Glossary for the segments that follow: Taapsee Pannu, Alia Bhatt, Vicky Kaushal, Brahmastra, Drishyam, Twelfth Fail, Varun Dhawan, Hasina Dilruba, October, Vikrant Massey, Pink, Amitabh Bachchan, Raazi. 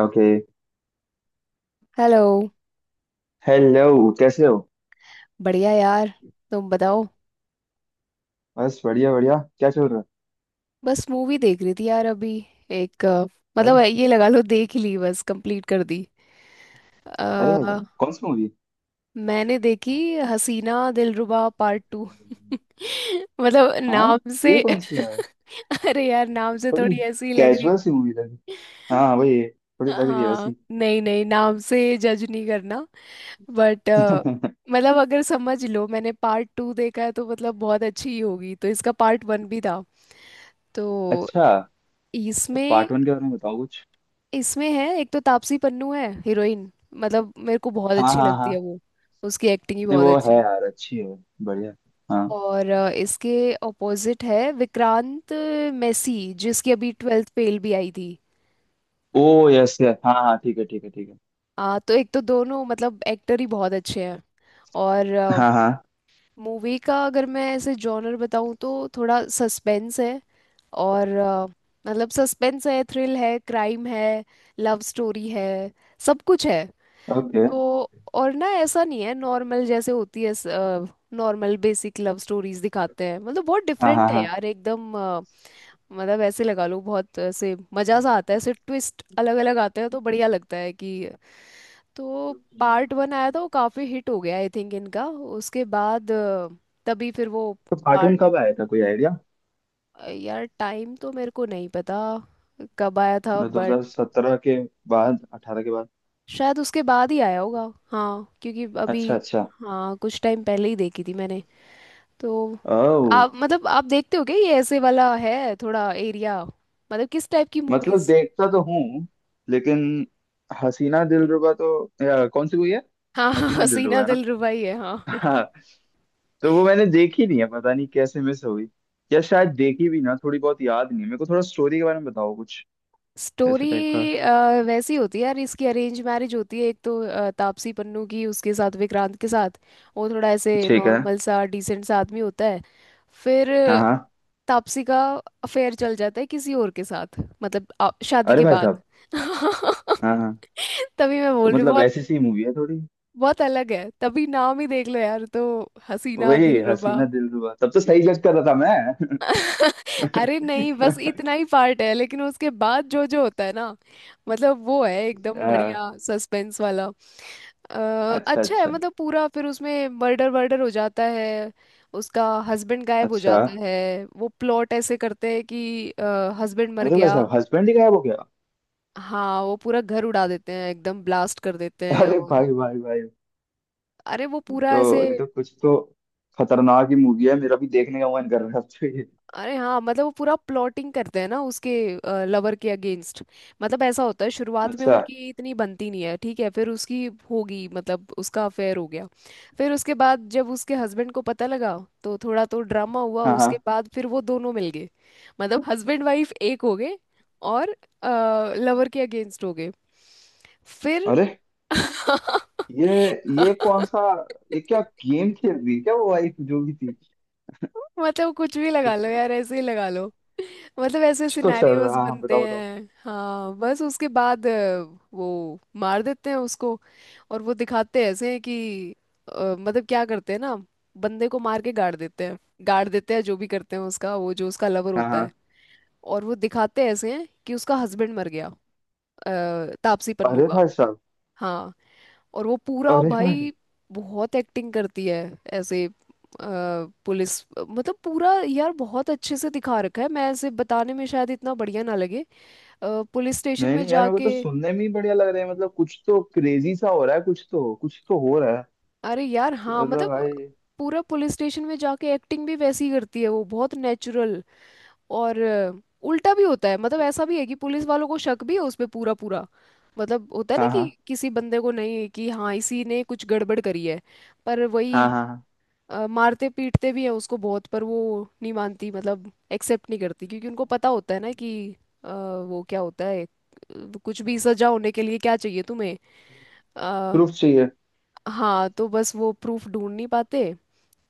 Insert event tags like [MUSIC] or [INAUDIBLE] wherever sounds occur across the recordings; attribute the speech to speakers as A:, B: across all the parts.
A: Okay.
B: Hello.
A: Hello, कैसे हो?
B: बढ़िया यार, तुम बताओ।
A: बस बढ़िया बढ़िया, क्या चल रहा
B: बस मूवी देख रही थी यार अभी। एक
A: है?
B: मतलब
A: अरे,
B: ये लगा लो, देख ही ली बस, कंप्लीट कर दी।
A: अरे भाई
B: अ,
A: साहब, कौन सी मूवी?
B: मैंने देखी हसीना दिलरुबा पार्ट टू। [LAUGHS] मतलब
A: हाँ,
B: नाम से
A: ये कौन सी है?
B: [LAUGHS] अरे यार, नाम से
A: थोड़ी
B: थोड़ी ऐसी ही लग रही
A: कैजुअल सी मूवी लगी। हाँ
B: हूँ।
A: हाँ, वही है, थोड़ी लग रही है
B: हाँ,
A: वैसी।
B: नहीं नहीं, नाम से जज नहीं करना, बट
A: [LAUGHS]
B: मतलब अगर समझ लो मैंने पार्ट टू देखा है तो मतलब बहुत अच्छी ही होगी, तो इसका पार्ट वन भी था। तो
A: अच्छा, तो
B: इसमें
A: पार्ट वन के बारे में बताओ कुछ।
B: इसमें है एक तो तापसी पन्नू है हीरोइन। मतलब मेरे को बहुत
A: हाँ
B: अच्छी
A: हाँ
B: लगती
A: हाँ,
B: है वो। उसकी एक्टिंग ही
A: नहीं
B: बहुत
A: वो है
B: अच्छी।
A: यार, अच्छी है, बढ़िया। हाँ।
B: और इसके ऑपोजिट है विक्रांत मैसी, जिसकी अभी ट्वेल्थ फेल भी आई थी।
A: ओ, यस यस, हाँ हाँ, ठीक है ठीक है ठीक है।
B: तो एक तो दोनों मतलब एक्टर ही बहुत अच्छे हैं और
A: हाँ हाँ।
B: मूवी का अगर मैं ऐसे जॉनर बताऊं तो थोड़ा सस्पेंस है और मतलब सस्पेंस है, थ्रिल है, क्राइम है, लव स्टोरी है, सब कुछ है
A: ओके।
B: तो। और ना ऐसा नहीं है नॉर्मल जैसे होती है, नॉर्मल बेसिक लव स्टोरीज दिखाते हैं, मतलब बहुत
A: हाँ
B: डिफरेंट
A: हाँ
B: है
A: हाँ,
B: यार एकदम। मतलब ऐसे लगा लो बहुत ऐसे मजा सा आता है, ऐसे ट्विस्ट अलग अलग आते हैं तो बढ़िया लगता है कि तो पार्ट वन आया था, वो काफी हिट हो गया आई थिंक इनका, उसके बाद तभी फिर वो
A: तो पार्ट वन
B: पार्ट।
A: कब आया था, कोई आइडिया?
B: यार टाइम तो मेरे को नहीं पता कब आया था, बट
A: 2017 के बाद, 18 के बाद?
B: शायद उसके बाद ही आया होगा। हाँ क्योंकि अभी।
A: अच्छा अच्छा।
B: हाँ, कुछ टाइम पहले ही देखी थी मैंने तो।
A: ओ,
B: आप मतलब आप देखते हो क्या ये ऐसे वाला है थोड़ा एरिया, मतलब किस टाइप की
A: मतलब
B: मूवीज?
A: देखता तो हूँ लेकिन हसीना दिलरुबा तो, या कौन सी हुई है?
B: हाँ [LAUGHS]
A: हसीना
B: हाँ,
A: दिलरुबा
B: सीना
A: है ना?
B: दिल रुबाई है हाँ।
A: हाँ, तो वो मैंने देखी नहीं है, पता नहीं कैसे मिस हो गई। या शायद देखी भी ना, थोड़ी बहुत याद नहीं है। मेरे को थोड़ा स्टोरी के बारे में बताओ कुछ, ऐसे
B: स्टोरी
A: टाइप का।
B: वैसी होती है यार, इसकी अरेंज मैरिज होती है एक तो तापसी पन्नू की, उसके साथ विक्रांत के साथ। वो थोड़ा ऐसे
A: ठीक है।
B: नॉर्मल सा डिसेंट सा आदमी होता है। फिर
A: हाँ हाँ।
B: तापसी का अफेयर चल जाता है किसी और के साथ, मतलब शादी
A: अरे
B: के
A: भाई
B: बाद।
A: साहब।
B: [LAUGHS]
A: हाँ हाँ।
B: तभी मैं
A: तो
B: बोल रही हूँ
A: मतलब
B: बहुत।
A: ऐसी सी मूवी है थोड़ी?
B: बहुत अलग है, तभी नाम ही देख लो यार तो, हसीना
A: वही
B: दिलरुबा।
A: हसीना दिलरुबा, तब तो सही जज कर रहा था मैं।
B: अरे नहीं, बस
A: [LAUGHS]
B: इतना ही पार्ट है लेकिन उसके बाद जो जो होता है ना, मतलब वो है एकदम
A: हाँ।
B: बढ़िया सस्पेंस वाला।
A: अच्छा
B: अच्छा है,
A: अच्छा
B: मतलब पूरा फिर उसमें मर्डर वर्डर हो जाता है। उसका हस्बैंड गायब हो
A: अच्छा।
B: जाता है, वो प्लॉट ऐसे करते हैं कि हस्बैंड मर
A: अरे भाई
B: गया।
A: साहब, हस्बैंड ही गायब हो गया!
B: हाँ, वो पूरा घर उड़ा देते हैं, एकदम ब्लास्ट कर देते हैं
A: अरे
B: और।
A: भाई भाई भाई!
B: अरे वो पूरा ऐसे।
A: तो ये तो कुछ तो खतरनाक ही मूवी है, मेरा भी देखने का मन कर रहा है अब तो ये।
B: अरे हाँ, मतलब वो पूरा प्लॉटिंग करते हैं ना उसके लवर के अगेंस्ट। मतलब ऐसा होता है शुरुआत में
A: अच्छा।
B: उनकी इतनी बनती नहीं है, ठीक है फिर उसकी होगी, मतलब उसका अफेयर हो गया। फिर उसके बाद जब उसके हस्बैंड को पता लगा तो थोड़ा तो ड्रामा हुआ,
A: हाँ
B: उसके
A: हाँ।
B: बाद फिर वो दोनों मिल गए, मतलब हस्बैंड वाइफ एक हो गए और लवर के अगेंस्ट हो गए फिर।
A: अरे, ये ये कौन
B: [LAUGHS]
A: सा, ये क्या गेम खेल रही है क्या वो वाइफ जो भी थी?
B: मतलब कुछ भी लगा लो
A: अच्छा,
B: यार, ऐसे ही लगा लो। [LAUGHS] मतलब ऐसे
A: कुछ तो चल रहा है,
B: सिनेरियोज
A: हाँ हाँ,
B: बनते
A: बताओ बताओ।
B: हैं। हाँ बस उसके बाद वो मार देते हैं उसको, और वो दिखाते ऐसे हैं कि मतलब क्या करते हैं ना, बंदे को मार के गाड़ देते हैं, गाड़ देते हैं जो भी करते हैं उसका, वो जो उसका लवर
A: हाँ
B: होता
A: हाँ।
B: है। और वो दिखाते ऐसे हैं कि उसका हस्बैंड मर गया, तापसी पन्नू
A: अरे
B: का।
A: भाई साहब।
B: हाँ और वो पूरा
A: अरे भाई।
B: भाई बहुत एक्टिंग करती है, ऐसे पुलिस, मतलब पूरा यार बहुत अच्छे से दिखा रखा है, मैं ऐसे बताने में शायद इतना बढ़िया ना लगे, पुलिस स्टेशन
A: नहीं
B: में
A: नहीं यार, मेरे को तो
B: जाके।
A: सुनने में ही बढ़िया लग रहा है, मतलब कुछ तो क्रेजी सा हो रहा है, कुछ तो हो रहा है।
B: अरे यार हाँ,
A: मतलब
B: मतलब
A: भाई।
B: पूरा पुलिस स्टेशन में जाके एक्टिंग भी वैसी ही करती है वो बहुत नेचुरल। और उल्टा भी होता है, मतलब ऐसा भी है कि पुलिस वालों को शक भी है उस पे पूरा पूरा। मतलब होता है ना
A: हाँ
B: कि
A: हाँ
B: किसी बंदे को, नहीं कि हाँ इसी ने कुछ गड़बड़ करी है, पर वही
A: हाँ हाँ हाँ।
B: मारते पीटते भी हैं उसको बहुत, पर वो नहीं मानती, मतलब एक्सेप्ट नहीं करती क्योंकि उनको पता होता है ना कि अ, वो क्या होता है, कुछ भी सजा होने के लिए क्या चाहिए तुम्हें? अ,
A: प्रूफ चाहिए।
B: हाँ तो बस वो प्रूफ ढूंढ नहीं पाते।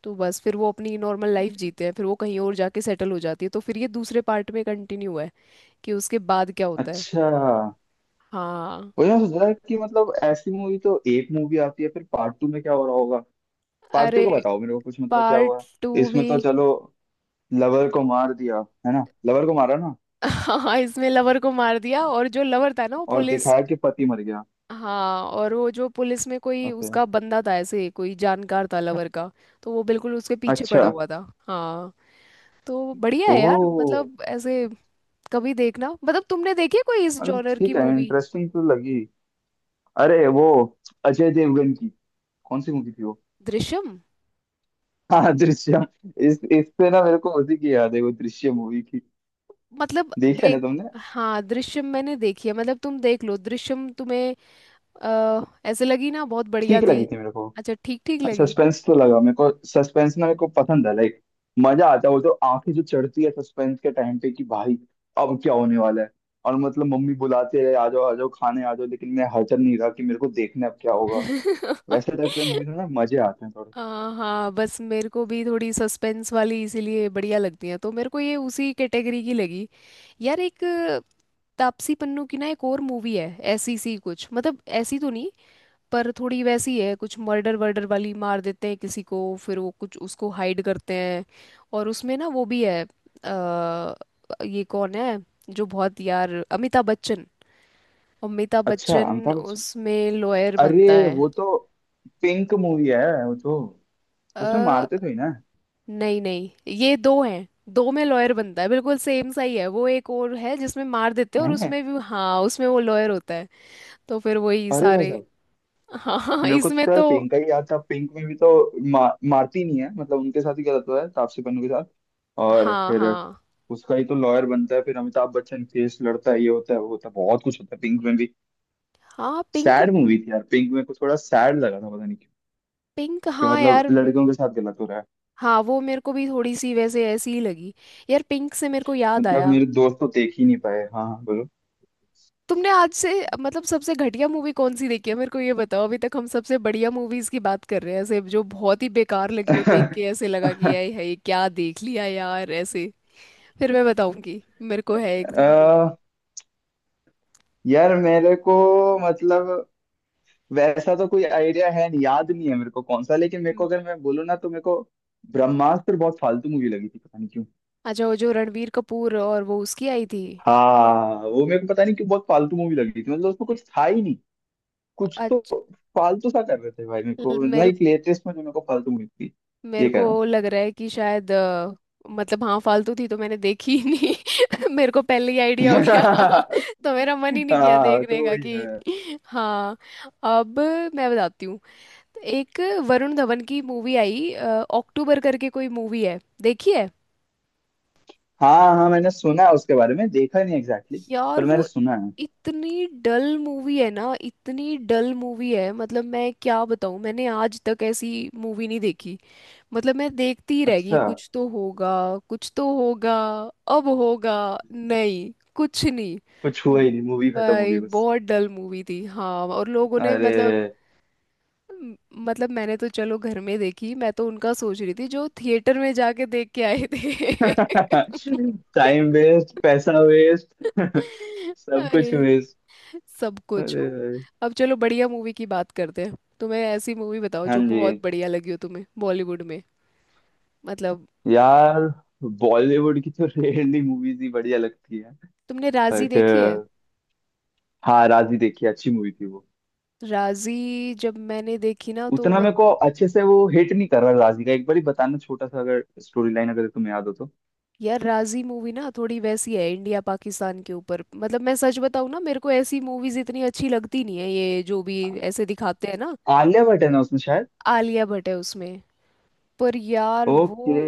B: तो बस फिर वो अपनी नॉर्मल लाइफ जीते हैं, फिर वो कहीं और जाके सेटल हो जाती है तो फिर ये दूसरे पार्ट में कंटिन्यू है कि उसके बाद क्या होता है।
A: अच्छा।
B: हाँ।
A: वही मैं सोच रहा है कि मतलब ऐसी मूवी तो, एक मूवी आती है फिर पार्ट टू में क्या हो रहा होगा? पार्ट टू
B: अरे
A: का बताओ मेरे को कुछ, मतलब क्या हुआ?
B: पार्ट टू
A: इसमें
B: भी।
A: तो चलो, लवर को मार दिया, है ना? लवर को मारा ना,
B: [LAUGHS] हाँ इसमें लवर को मार दिया, और जो लवर था ना वो
A: और
B: पुलिस।
A: दिखाया कि पति मर गया।
B: हाँ, और वो जो पुलिस में कोई
A: ओके।
B: उसका बंदा था, ऐसे कोई जानकार था लवर का, तो वो बिल्कुल उसके पीछे
A: अच्छा।
B: पड़ा हुआ था। हाँ। तो बढ़िया है यार,
A: ओह।
B: मतलब ऐसे कभी देखना। मतलब तुमने देखी है कोई इस
A: अरे
B: जॉनर की
A: ठीक है,
B: मूवी?
A: इंटरेस्टिंग तो लगी। अरे वो अजय देवगन की कौन सी मूवी थी वो?
B: दृश्यम,
A: हाँ, दृश्यम। इस इससे ना मेरे को उसी की याद है, वो दृश्यम मूवी की।
B: मतलब
A: देखी है ना
B: देख।
A: तुमने?
B: हाँ दृश्यम मैंने देखी है, मतलब तुम देख लो दृश्यम तुम्हें अ, ऐसे लगी ना, बहुत बढ़िया
A: ठीक
B: थी।
A: लगी थी मेरे को।
B: अच्छा, ठीक ठीक लगी।
A: सस्पेंस तो लगा, मेरे को सस्पेंस ना मेरे को पसंद है, लाइक मजा आता है। वो तो आंखें जो चढ़ती है सस्पेंस के टाइम पे, कि भाई अब क्या होने वाला है। और मतलब मम्मी बुलाते रहे, आ जाओ आ जाओ, खाने आ जाओ, लेकिन मैं हचर नहीं रहा कि मेरे को देखना है अब क्या होगा। वैसे टाइप के मूवीज में
B: [LAUGHS]
A: ना मजे आते हैं थोड़े।
B: हाँ हाँ, बस मेरे को भी थोड़ी सस्पेंस वाली इसीलिए बढ़िया लगती है, तो मेरे को ये उसी कैटेगरी की लगी। यार एक तापसी पन्नू की ना एक और मूवी है ऐसी सी कुछ, मतलब ऐसी तो नहीं पर थोड़ी वैसी है, कुछ मर्डर वर्डर वाली, मार देते हैं किसी को फिर वो कुछ उसको हाइड करते हैं, और उसमें ना वो भी है अ, ये कौन है जो बहुत यार, अमिताभ बच्चन। अमिताभ
A: अच्छा,
B: बच्चन
A: अमिताभ बच्चन?
B: उसमें लॉयर बनता
A: अरे
B: है।
A: वो तो पिंक मूवी है वो तो, उसमें मारते थे ही ना?
B: नहीं नहीं, ये दो हैं। दो में लॉयर बनता है, बिल्कुल सेम सा ही है। वो एक और है जिसमें मार देते हैं और
A: हैं?
B: उसमें भी हाँ, उसमें वो लॉयर होता है। तो फिर वही
A: अरे भाई
B: सारे।
A: साहब।
B: हाँ हाँ हाँ,
A: मेरे को
B: इसमें
A: तो यार
B: तो।
A: पिंक का ही याद था। पिंक में भी तो मारती नहीं है, मतलब उनके साथ ही गलत हुआ है, तापसी पन्नू के साथ। और
B: हाँ
A: फिर
B: हाँ
A: उसका ही तो लॉयर बनता है, फिर अमिताभ बच्चन केस लड़ता है, ये होता है वो होता है, बहुत कुछ होता है पिंक में भी।
B: हाँ, पिंक।
A: सैड मूवी थी यार पिंक, में कुछ थोड़ा सैड लगा था, पता नहीं क्यों।
B: पिंक
A: कि
B: हाँ
A: मतलब
B: यार
A: लड़कियों के साथ गलत हो रहा है।
B: हाँ वो मेरे को भी थोड़ी सी वैसे ऐसी ही लगी। यार पिंक से मेरे को याद
A: मतलब
B: आया।
A: मेरे दोस्त तो देख ही नहीं पाए। हाँ हाँ, बोलो।
B: तुमने आज से, मतलब सबसे घटिया मूवी कौन सी देखी है मेरे को ये बताओ? अभी तक हम सबसे बढ़िया मूवीज की बात कर रहे हैं, ऐसे जो बहुत ही बेकार लगी हो, देख के ऐसे लगा कि
A: [LAUGHS] अ,
B: यार ये क्या देख लिया यार ऐसे। फिर मैं बताऊंगी। मेरे को है एक। हम्म।
A: यार मेरे को, मतलब वैसा तो कोई आइडिया है नहीं, याद नहीं है मेरे को कौन सा, लेकिन मेरे को अगर मैं बोलूँ ना तो मेरे को ब्रह्मास्त्र बहुत फालतू मूवी लगी थी, पता नहीं क्यों।
B: अच्छा वो जो रणबीर कपूर, और वो उसकी आई थी।
A: हाँ, वो मेरे को पता नहीं क्यों बहुत फालतू मूवी लगी थी, मतलब उसमें कुछ था ही नहीं, कुछ तो
B: अच्छा,
A: फालतू सा कर रहे थे भाई। मेरे को
B: मेरे
A: लाइक लेटेस्ट में जो मेरे को फालतू मिली थी,
B: मेरे
A: ये कह
B: को
A: रहा हूँ।
B: लग रहा है कि शायद मतलब हाँ, फालतू थी तो मैंने देखी ही नहीं। [LAUGHS] मेरे को पहले ही आइडिया हो गया। [LAUGHS] तो मेरा मन ही
A: [LAUGHS]
B: नहीं किया
A: हाँ
B: देखने
A: तो
B: का
A: वही
B: कि।
A: है।
B: हाँ। अब मैं बताती हूँ। एक वरुण धवन की मूवी आई अक्टूबर करके कोई मूवी है, देखी है?
A: हाँ हाँ, मैंने सुना है उसके बारे में, देखा नहीं एग्जैक्टली exactly,
B: यार
A: पर मैंने
B: वो
A: सुना है।
B: इतनी डल मूवी है ना, इतनी डल मूवी है, मतलब मैं क्या बताऊं, मैंने आज तक ऐसी मूवी नहीं देखी। मतलब मैं देखती ही रह गई,
A: अच्छा,
B: कुछ तो होगा, कुछ तो होगा, अब होगा, नहीं कुछ नहीं।
A: कुछ हुआ
B: हम्म।
A: ही नहीं, मूवी खत्म हो गई
B: भाई
A: बस।
B: बहुत डल मूवी थी हाँ। और लोगों ने मतलब
A: अरे!
B: म- मतलब मैंने तो चलो घर में देखी, मैं तो उनका सोच रही थी जो थिएटर में जाके देख के आए
A: [LAUGHS]
B: थे।
A: टाइम वेस्ट, पैसा वेस्ट।
B: [LAUGHS]
A: [LAUGHS] सब
B: अरे
A: कुछ वेस्ट।
B: सब कुछ
A: अरे
B: हो।
A: भाई।
B: अब चलो, बढ़िया मूवी की बात करते हैं। तुम्हें ऐसी मूवी बताओ
A: हाँ
B: जो
A: जी।
B: बहुत बढ़िया लगी हो तुम्हें बॉलीवुड में। मतलब
A: यार बॉलीवुड की तो [LAUGHS] रेयरली मूवीज ही बढ़िया लगती है।
B: तुमने राजी
A: बट
B: देखी है?
A: हाँ, राजी देखी, अच्छी मूवी थी वो।
B: राजी जब मैंने देखी ना तो
A: उतना
B: मत।
A: मेरे को अच्छे से वो हिट नहीं कर रहा राजी का, एक बार ही बताना छोटा सा, अगर स्टोरी लाइन अगर तुम्हें याद हो तो।
B: यार राजी मूवी ना थोड़ी वैसी है, इंडिया पाकिस्तान के ऊपर, मतलब मैं सच बताऊँ ना, मेरे को ऐसी मूवीज इतनी अच्छी लगती नहीं है, ये जो भी ऐसे दिखाते हैं ना।
A: आलिया भट्ट है ना उसमें शायद?
B: आलिया भट्ट है उसमें। पर यार
A: ओके।
B: वो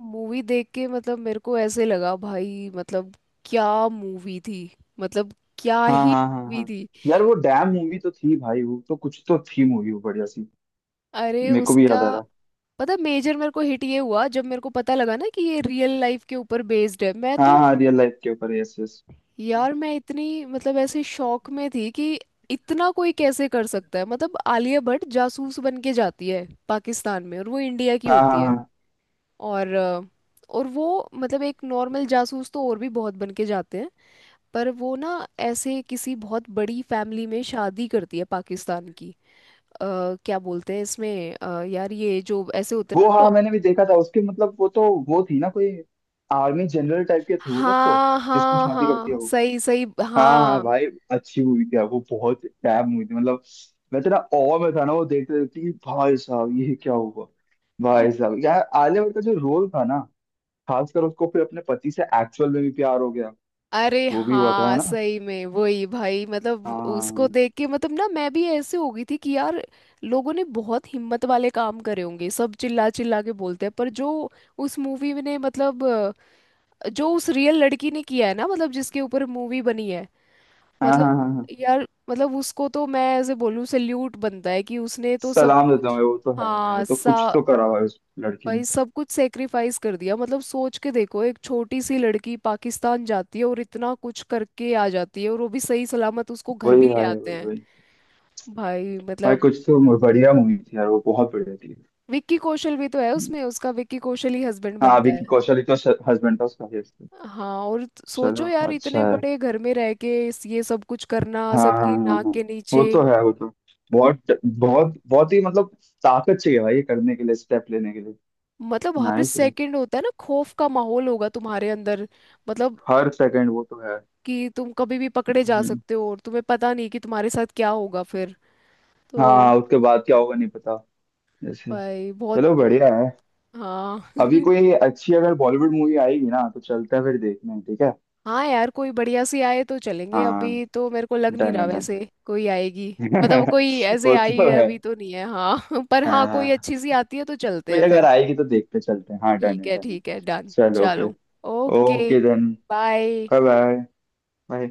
B: मूवी देख के, मतलब मेरे को ऐसे लगा भाई मतलब क्या मूवी थी। मतलब क्या
A: हाँ
B: ही
A: हाँ हाँ
B: मूवी
A: हाँ।
B: थी।
A: यार वो डैम मूवी तो थी भाई, वो तो कुछ तो थी मूवी वो, बढ़िया सी।
B: अरे
A: मेरे को भी
B: उसका
A: याद आ रहा है।
B: पता, मेजर मेरे को हिट ये हुआ जब मेरे को पता लगा ना कि ये रियल लाइफ के ऊपर बेस्ड है, मैं
A: हाँ
B: तो।
A: हाँ, रियल लाइफ के ऊपर, यस यस।
B: यार मैं इतनी, मतलब ऐसे शौक में थी कि इतना कोई कैसे कर सकता है, मतलब आलिया भट्ट जासूस बन के जाती है पाकिस्तान में और वो इंडिया की
A: हाँ हाँ
B: होती है।
A: हाँ।
B: और और वो मतलब एक नॉर्मल जासूस तो और भी बहुत बन के जाते हैं, पर वो ना ऐसे किसी बहुत बड़ी फैमिली में शादी करती है पाकिस्तान की। अ, क्या बोलते हैं इसमें, यार ये जो ऐसे होते हैं ना
A: वो, हाँ,
B: टॉप।
A: मैंने भी देखा था उसके, मतलब वो तो, वो थी ना कोई, आर्मी जनरल टाइप के थे वो लोग तो,
B: हाँ
A: जिसको
B: हाँ
A: शादी करती है
B: हाँ,
A: वो।
B: सही सही
A: हाँ हाँ
B: हाँ।
A: भाई। अच्छी मूवी थी यार, वो बहुत टैब मूवी थी मतलब। मैं तो ना awe में था ना, वो देखते देखते, कि भाई साहब ये क्या हुआ!
B: म-
A: भाई साहब, यार आलिया भट्ट का जो रोल था ना, खासकर उसको फिर अपने पति से एक्चुअल में भी प्यार हो गया।
B: अरे
A: वो भी हुआ था, है
B: हाँ,
A: ना?
B: सही में वही भाई, मतलब उसको
A: हाँ
B: देख के मतलब ना मैं भी ऐसे हो गई थी कि यार लोगों ने बहुत हिम्मत वाले काम करे होंगे, सब चिल्ला चिल्ला के बोलते हैं, पर जो उस मूवी में ने मतलब जो उस रियल लड़की ने किया है ना, मतलब जिसके ऊपर मूवी बनी है,
A: हाँ
B: मतलब
A: हाँ हाँ हाँ।
B: यार मतलब उसको तो मैं ऐसे बोलूं सल्यूट बनता है कि उसने तो सब
A: सलाम देता हूँ
B: कुछ।
A: भाई, वो तो है भाई,
B: हाँ
A: वो तो कुछ
B: सा
A: तो करा भाई उस लड़की
B: भाई,
A: ने।
B: सब कुछ सेक्रिफाइस कर दिया। मतलब सोच के देखो, एक छोटी सी लड़की पाकिस्तान जाती है और इतना कुछ करके आ जाती है और वो भी सही सलामत, उसको घर भी
A: वही
B: ले
A: भाई,
B: आते
A: वही
B: हैं
A: वही।
B: भाई,
A: भाई,
B: मतलब
A: कुछ तो बढ़िया मूवी थी यार, वो बहुत बढ़िया थी।
B: विक्की कौशल भी तो है उसमें, उसका विक्की कौशल ही हस्बैंड
A: हाँ,
B: बनता है।
A: विकी कौशल ही तो हस्बैंड था उसका। yes।
B: हाँ और
A: चलो,
B: सोचो यार,
A: अच्छा
B: इतने
A: है।
B: बड़े घर में रह के ये सब कुछ करना
A: हाँ हाँ हाँ
B: सबकी
A: हाँ।
B: नाक
A: हाँ।
B: के
A: वो
B: नीचे,
A: तो है, वो तो बहुत बहुत बहुत ही, मतलब ताकत चाहिए भाई ये करने के लिए, स्टेप लेने के लिए।
B: मतलब हर
A: नाइस है।
B: सेकंड होता है ना खौफ का माहौल होगा तुम्हारे अंदर, मतलब
A: हर सेकंड वो तो है।
B: कि तुम कभी भी पकड़े जा
A: हम्म।
B: सकते हो और तुम्हें पता नहीं कि तुम्हारे साथ क्या होगा फिर, तो
A: हाँ, उसके बाद क्या होगा नहीं पता, जैसे।
B: भाई बहुत।
A: चलो, बढ़िया है।
B: हाँ।
A: अभी
B: [LAUGHS]
A: कोई अच्छी अगर बॉलीवुड मूवी आएगी ना तो चलते हैं फिर देखने, ठीक है?
B: हाँ यार, कोई बढ़िया सी आए तो चलेंगे,
A: हाँ,
B: अभी तो मेरे को लग नहीं
A: डन
B: रहा
A: है डन।
B: वैसे कोई आएगी। मतलब कोई
A: [LAUGHS]
B: ऐसे
A: वो
B: आई
A: तो
B: है
A: है।
B: अभी तो नहीं है हाँ। [LAUGHS] पर हाँ,
A: हाँ
B: कोई
A: हाँ।
B: अच्छी सी आती है तो चलते
A: कोई
B: हैं
A: अगर
B: फिर।
A: आएगी तो देखते चलते हैं, हाँ डन है डन है,
B: ठीक है डन,
A: चलो
B: चलो।
A: फिर।
B: Okay.
A: Okay then.
B: Bye.
A: Bye. Bye bye.